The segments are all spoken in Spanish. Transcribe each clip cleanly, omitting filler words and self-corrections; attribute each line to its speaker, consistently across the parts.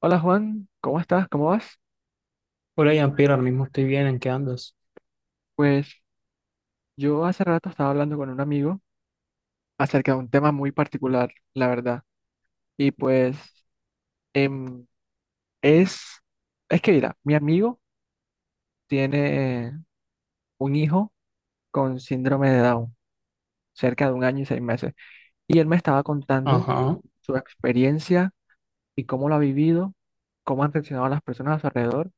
Speaker 1: Hola Juan, ¿cómo estás? ¿Cómo vas?
Speaker 2: Hola, Jean-Pierre, ahora mismo estoy bien, ¿en qué andas?
Speaker 1: Pues yo hace rato estaba hablando con un amigo acerca de un tema muy particular, la verdad. Y pues em, es, es que mira, mi amigo tiene un hijo con síndrome de Down, cerca de un año y seis meses. Y él me estaba contando
Speaker 2: Ajá,
Speaker 1: su experiencia y cómo lo ha vivido, cómo han reaccionado las personas a su alrededor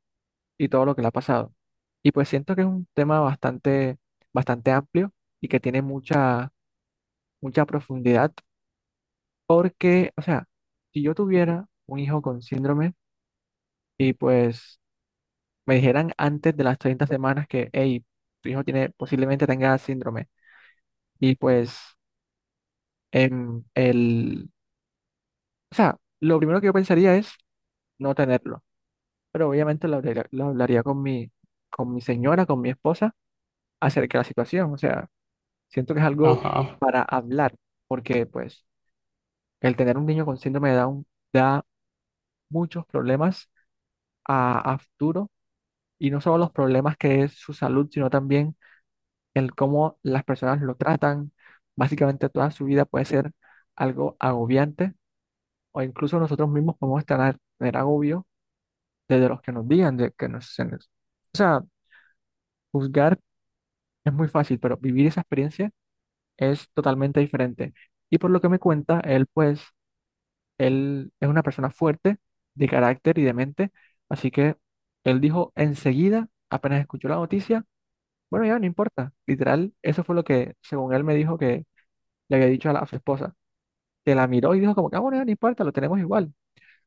Speaker 1: y todo lo que le ha pasado. Y pues siento que es un tema bastante, bastante amplio y que tiene mucha profundidad, porque, o sea, si yo tuviera un hijo con síndrome y pues me dijeran antes de las 30 semanas que, hey, tu hijo tiene, posiblemente tenga síndrome, y pues em, el, o sea, lo primero que yo pensaría es no tenerlo, pero obviamente lo hablaría con mi señora, con mi esposa, acerca de la situación, o sea, siento que es algo
Speaker 2: ajá.
Speaker 1: para hablar, porque pues el tener un niño con síndrome de Down da muchos problemas a futuro. Y no solo los problemas que es su salud, sino también el cómo las personas lo tratan. Básicamente toda su vida puede ser algo agobiante o incluso nosotros mismos podemos tener agobio desde los que nos digan de que o sea, juzgar es muy fácil, pero vivir esa experiencia es totalmente diferente. Y por lo que me cuenta, él es una persona fuerte de carácter y de mente, así que él dijo enseguida, apenas escuchó la noticia, bueno, ya no importa. Literal, eso fue lo que, según él, me dijo que le había dicho a su esposa. Que la miró y dijo como que, ah, bueno, ya no importa, lo tenemos igual.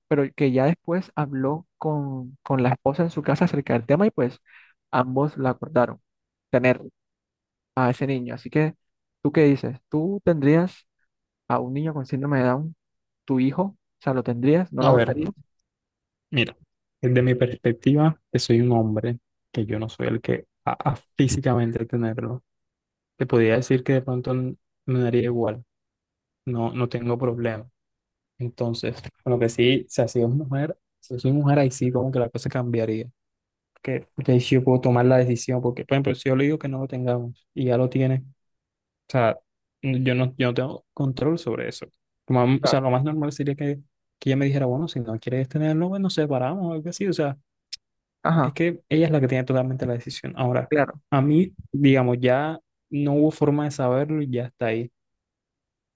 Speaker 1: Pero que ya después habló con la esposa en su casa acerca del tema y pues ambos la acordaron, tener a ese niño. Así que, ¿tú qué dices? ¿Tú tendrías a un niño con síndrome de Down, tu hijo? O sea, ¿lo tendrías? ¿No lo
Speaker 2: A ver,
Speaker 1: abortarías?
Speaker 2: mira, desde mi perspectiva, que soy un hombre, que yo no soy el que a físicamente tenerlo, te podría decir que de pronto me daría igual, no, no tengo problema. Entonces, bueno, que sí, si así es mujer, si soy mujer, ahí sí como que la cosa cambiaría. Que de ahí sí yo puedo tomar la decisión, porque, por ejemplo, si yo le digo que no lo tengamos y ya lo tiene, o sea, yo no tengo control sobre eso. O sea,
Speaker 1: Claro.
Speaker 2: lo más normal sería que ella me dijera, bueno, si no quieres tenerlo, bueno, nos separamos o algo así. O sea, es
Speaker 1: Ajá,
Speaker 2: que ella es la que tiene totalmente la decisión. Ahora,
Speaker 1: claro.
Speaker 2: a mí, digamos, ya no hubo forma de saberlo y ya está ahí.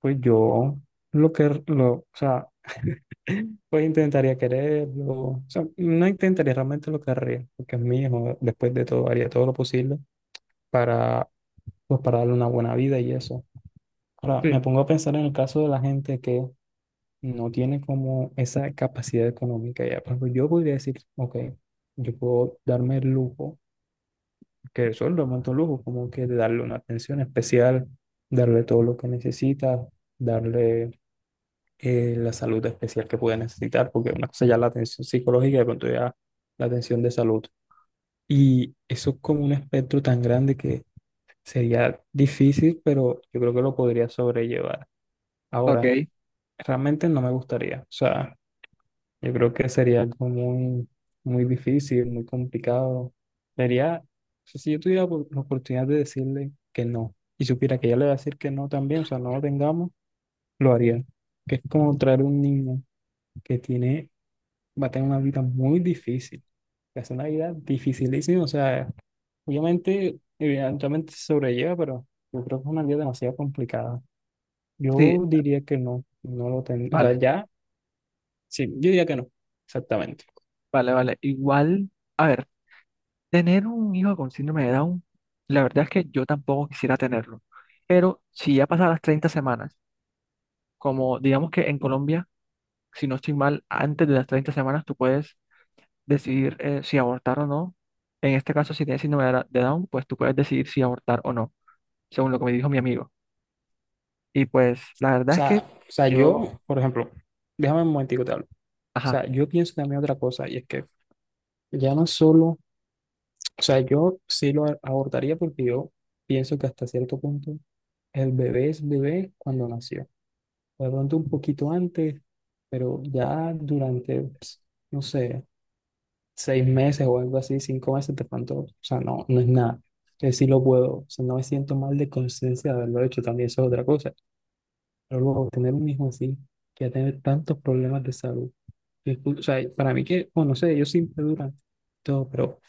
Speaker 2: Pues yo o sea, pues intentaría quererlo. O sea, no intentaría, realmente lo querría, porque es mío. Después de todo, haría todo lo posible para, pues, para darle una buena vida y eso. Ahora, me
Speaker 1: Sí.
Speaker 2: pongo a pensar en el caso de la gente que no tiene como esa capacidad económica ya. Por ejemplo, yo podría decir, ok, yo puedo darme el lujo, que eso es realmente un lujo, como que de darle una atención especial, darle todo lo que necesita, darle la salud especial que puede necesitar, porque una cosa ya es la atención psicológica y de pronto ya la atención de salud. Y eso es como un espectro tan grande que sería difícil, pero yo creo que lo podría sobrellevar.
Speaker 1: Ok,
Speaker 2: Ahora, realmente no me gustaría. O sea, yo creo que sería algo muy, muy difícil, muy complicado. Sería, o sea, si yo tuviera la oportunidad de decirle que no y supiera que ella le va a decir que no también, o sea, no lo tengamos, lo haría. Que es como traer un niño que tiene, va a tener una vida muy difícil. Que Es una vida dificilísima. O sea, obviamente, evidentemente se sobrelleva, pero yo creo que es una vida demasiado complicada.
Speaker 1: sí,
Speaker 2: Yo diría que no, no lo tengo. O sea,
Speaker 1: vale,
Speaker 2: ya. Sí, yo diría que no, exactamente. O
Speaker 1: vale, vale. Igual, a ver. Tener un hijo con síndrome de Down, la verdad es que yo tampoco quisiera tenerlo. Pero si ya pasan las 30 semanas, como digamos que en Colombia, si no estoy mal, antes de las 30 semanas tú puedes decidir si abortar o no. En este caso, si tienes síndrome de de Down, pues tú puedes decidir si abortar o no, según lo que me dijo mi amigo. Y pues la verdad es que
Speaker 2: sea, o sea,
Speaker 1: yo,
Speaker 2: yo, por ejemplo, déjame un momentico te hablo. O
Speaker 1: ajá,
Speaker 2: sea, yo pienso también otra cosa y es que ya no solo, o sea, yo sí lo abortaría porque yo pienso que hasta cierto punto el bebé es bebé cuando nació. De pronto un poquito antes, pero ya durante, no sé, seis meses o algo así, cinco meses, de pronto, o sea, no, no es nada. Que sí lo puedo, o sea, no me siento mal de conciencia de haberlo hecho, también eso es otra cosa. Pero luego tener un hijo así, que va a tener tantos problemas de salud. O sea, para mí que, bueno, no sé, ellos siempre duran todo, pero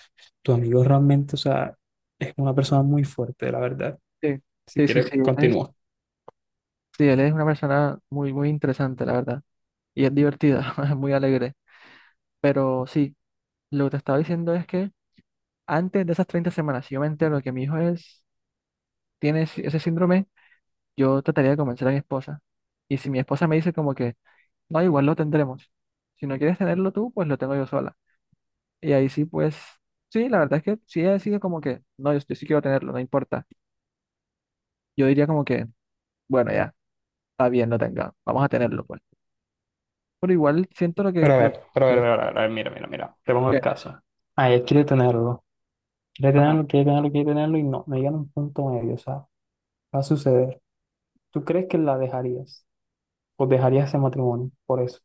Speaker 2: tu amigo realmente, o sea, es una persona muy fuerte, la verdad.
Speaker 1: sí,
Speaker 2: Si
Speaker 1: sí, sí,
Speaker 2: quieres,
Speaker 1: sí, él es,
Speaker 2: continúa.
Speaker 1: sí, él es una persona muy, muy interesante, la verdad. Y es divertida, es muy alegre. Pero sí, lo que te estaba diciendo es que antes de esas 30 semanas, si yo me entero que mi hijo tiene ese síndrome, yo trataría de convencer a mi esposa. Y si mi esposa me dice como que, no, igual lo tendremos. Si no quieres tenerlo tú, pues lo tengo yo sola. Y ahí sí, pues, sí, la verdad es que si ella decide como que, no, yo sí quiero tenerlo, no importa. Yo diría como que, bueno, ya, está bien, lo tenga, vamos a tenerlo, pues. Pero igual siento
Speaker 2: Pero a ver, pero a ver,
Speaker 1: que,
Speaker 2: pero a ver, mira, mira, mira, te pongo el
Speaker 1: que-
Speaker 2: caso. Ah, él quiere tenerlo, quiere
Speaker 1: ajá.
Speaker 2: tenerlo, quiere tenerlo, quiere tenerlo y no, no llegan a un punto medio, o sea, va a suceder. ¿Tú crees que la dejarías? ¿O dejarías ese matrimonio por eso?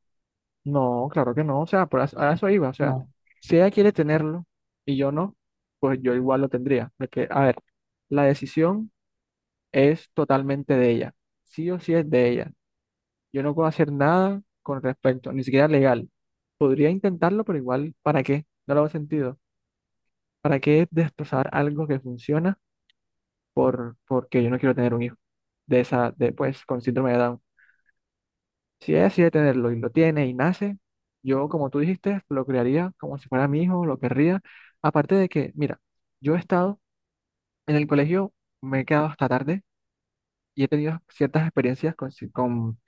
Speaker 1: No, claro que no, o sea, a eso iba, o sea,
Speaker 2: No.
Speaker 1: si ella quiere tenerlo y yo no, pues yo igual lo tendría, porque, a ver, la decisión es totalmente de ella, sí o sí es de ella, yo no puedo hacer nada con respecto, ni siquiera legal, podría intentarlo, pero igual, ¿para qué? No le hago sentido, ¿para qué destrozar algo que funciona porque yo no quiero tener un hijo de esa, de, pues, con síndrome de Down? Si ella decide tenerlo y lo tiene y nace, yo, como tú dijiste, lo criaría como si fuera mi hijo, lo querría. Aparte de que, mira, yo he estado en el colegio, me he quedado hasta tarde y he tenido ciertas experiencias con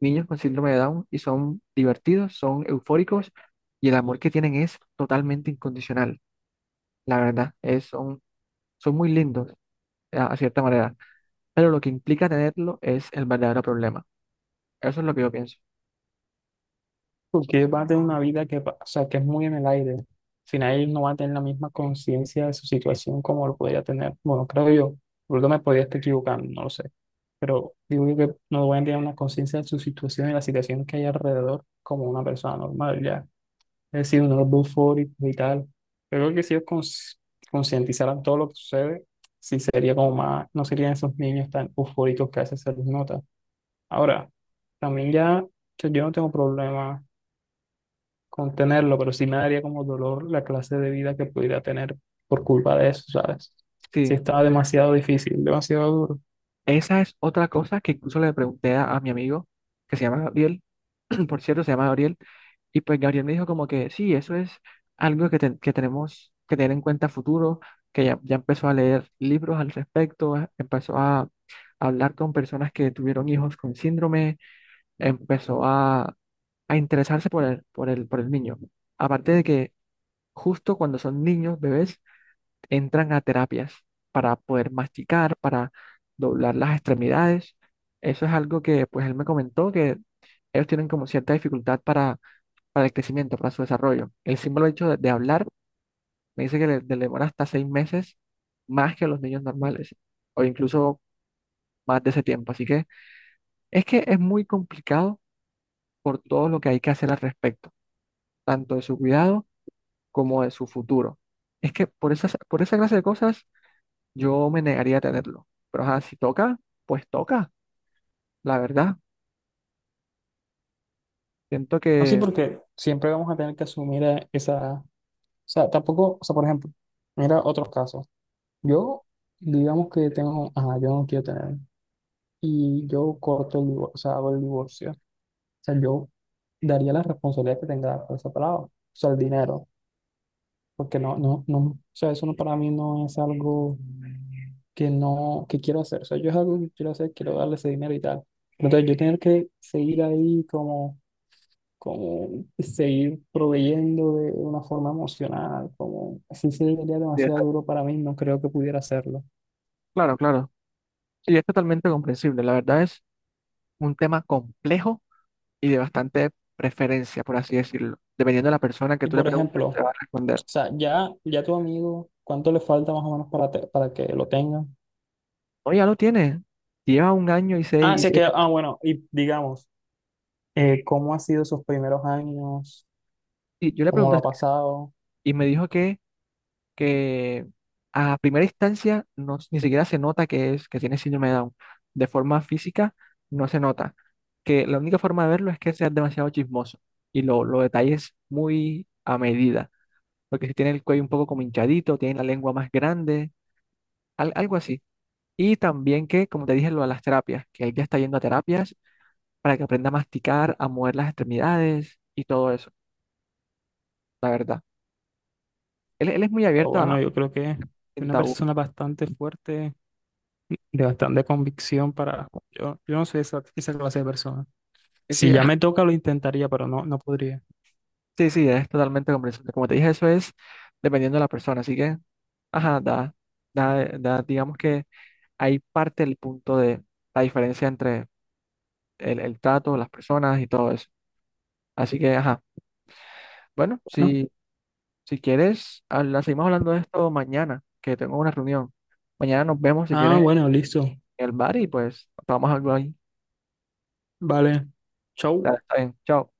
Speaker 1: niños con síndrome de Down y son divertidos, son eufóricos y el amor que tienen es totalmente incondicional. La verdad, son muy lindos a cierta manera, pero lo que implica tenerlo es el verdadero problema. Eso es lo que yo pienso.
Speaker 2: Porque va a tener una vida que, o sea, que es muy en el aire. Al final él no va a tener la misma conciencia de su situación como lo podría tener. Bueno, creo yo. Porque me podría estar equivocando, no lo sé. Pero digo yo que no voy a tener una conciencia de su situación y la situación que hay alrededor como una persona normal, ya. Es decir, unos eufóricos y tal. Pero creo que si ellos concientizaran todo lo que sucede, sí sería como más, no serían esos niños tan eufóricos que a veces se les nota. Ahora, también ya, o sea, yo no tengo problema contenerlo, pero sí me daría como dolor la clase de vida que pudiera tener por culpa de eso, ¿sabes? Sí
Speaker 1: Sí.
Speaker 2: estaba demasiado difícil, demasiado duro.
Speaker 1: Esa es otra cosa que incluso le pregunté a mi amigo, que se llama Gabriel, por cierto, se llama Gabriel, y pues Gabriel me dijo como que sí, eso es algo que, que tenemos que tener en cuenta a futuro, que ya empezó a leer libros al respecto, empezó a hablar con personas que tuvieron hijos con síndrome, empezó a interesarse por el niño. Aparte de que justo cuando son niños, bebés, entran a terapias para poder masticar, para doblar las extremidades. Eso es algo que pues él me comentó que ellos tienen como cierta dificultad para el crecimiento, para su desarrollo. El símbolo hecho de hablar me dice que le demora hasta seis meses más que los niños normales o incluso más de ese tiempo. Así que es muy complicado por todo lo que hay que hacer al respecto, tanto de su cuidado como de su futuro. Es que por esa clase de cosas yo me negaría a tenerlo. Pero ajá, si toca, pues toca, la verdad. Siento
Speaker 2: No sí,
Speaker 1: que...
Speaker 2: porque siempre vamos a tener que asumir esa. O sea, tampoco, o sea, por ejemplo, mira otros casos. Yo, digamos que tengo, ajá, yo no quiero tener, y yo corto el divorcio, o sea, hago el divorcio. O sea, yo daría la responsabilidad que tenga por esa palabra, o sea, el dinero. Porque no, no, no, o sea, eso no, para mí no es algo que no, que quiero hacer. O sea, yo es algo que quiero hacer, quiero darle ese dinero y tal. Entonces, yo tener que seguir ahí como seguir proveyendo de una forma emocional, como así sería
Speaker 1: Sí,
Speaker 2: demasiado duro para mí, no creo que pudiera hacerlo.
Speaker 1: claro, claro. Y es totalmente comprensible. La verdad es un tema complejo y de bastante preferencia, por así decirlo. Dependiendo de la persona que
Speaker 2: Y
Speaker 1: tú le
Speaker 2: por
Speaker 1: preguntes,
Speaker 2: ejemplo, o
Speaker 1: te va a responder.
Speaker 2: sea, ya, ya tu amigo, ¿cuánto le falta más o menos para que lo tenga?
Speaker 1: No, ya lo tiene. Lleva un año y seis
Speaker 2: Ah,
Speaker 1: y
Speaker 2: sí, es que,
Speaker 1: siete
Speaker 2: ah,
Speaker 1: meses.
Speaker 2: bueno, y digamos, ¿cómo ha sido sus primeros años?
Speaker 1: Y yo le
Speaker 2: ¿Cómo lo
Speaker 1: pregunté
Speaker 2: ha pasado?
Speaker 1: y me dijo que que a primera instancia no, ni siquiera se nota que, que tiene síndrome de Down. De forma física no se nota. Que la única forma de verlo es que seas demasiado chismoso y lo detalles muy a medida. Porque si tiene el cuello un poco como hinchadito, tiene la lengua más grande, algo así. Y también que, como te dije, lo de las terapias, que él ya está yendo a terapias para que aprenda a masticar, a mover las extremidades y todo eso, la verdad. Él es muy
Speaker 2: Pero
Speaker 1: abierto
Speaker 2: bueno, yo creo que es
Speaker 1: en
Speaker 2: una
Speaker 1: tabú.
Speaker 2: persona bastante fuerte, de bastante convicción para. Yo no soy esa clase de persona. Si ya me toca, lo intentaría, pero no, no podría.
Speaker 1: Sí, sí, es totalmente comprensible. Como te dije, eso es dependiendo de la persona. Así que, ajá, digamos que ahí parte el punto de la diferencia entre el trato, las personas y todo eso. Así que, ajá, bueno,
Speaker 2: Bueno.
Speaker 1: si quieres, seguimos hablando de esto mañana, que tengo una reunión. Mañana nos vemos si
Speaker 2: Ah,
Speaker 1: quieres en
Speaker 2: bueno, listo.
Speaker 1: el bar y pues vamos a algo ahí.
Speaker 2: Vale. Chau.
Speaker 1: Dale, está bien, chao.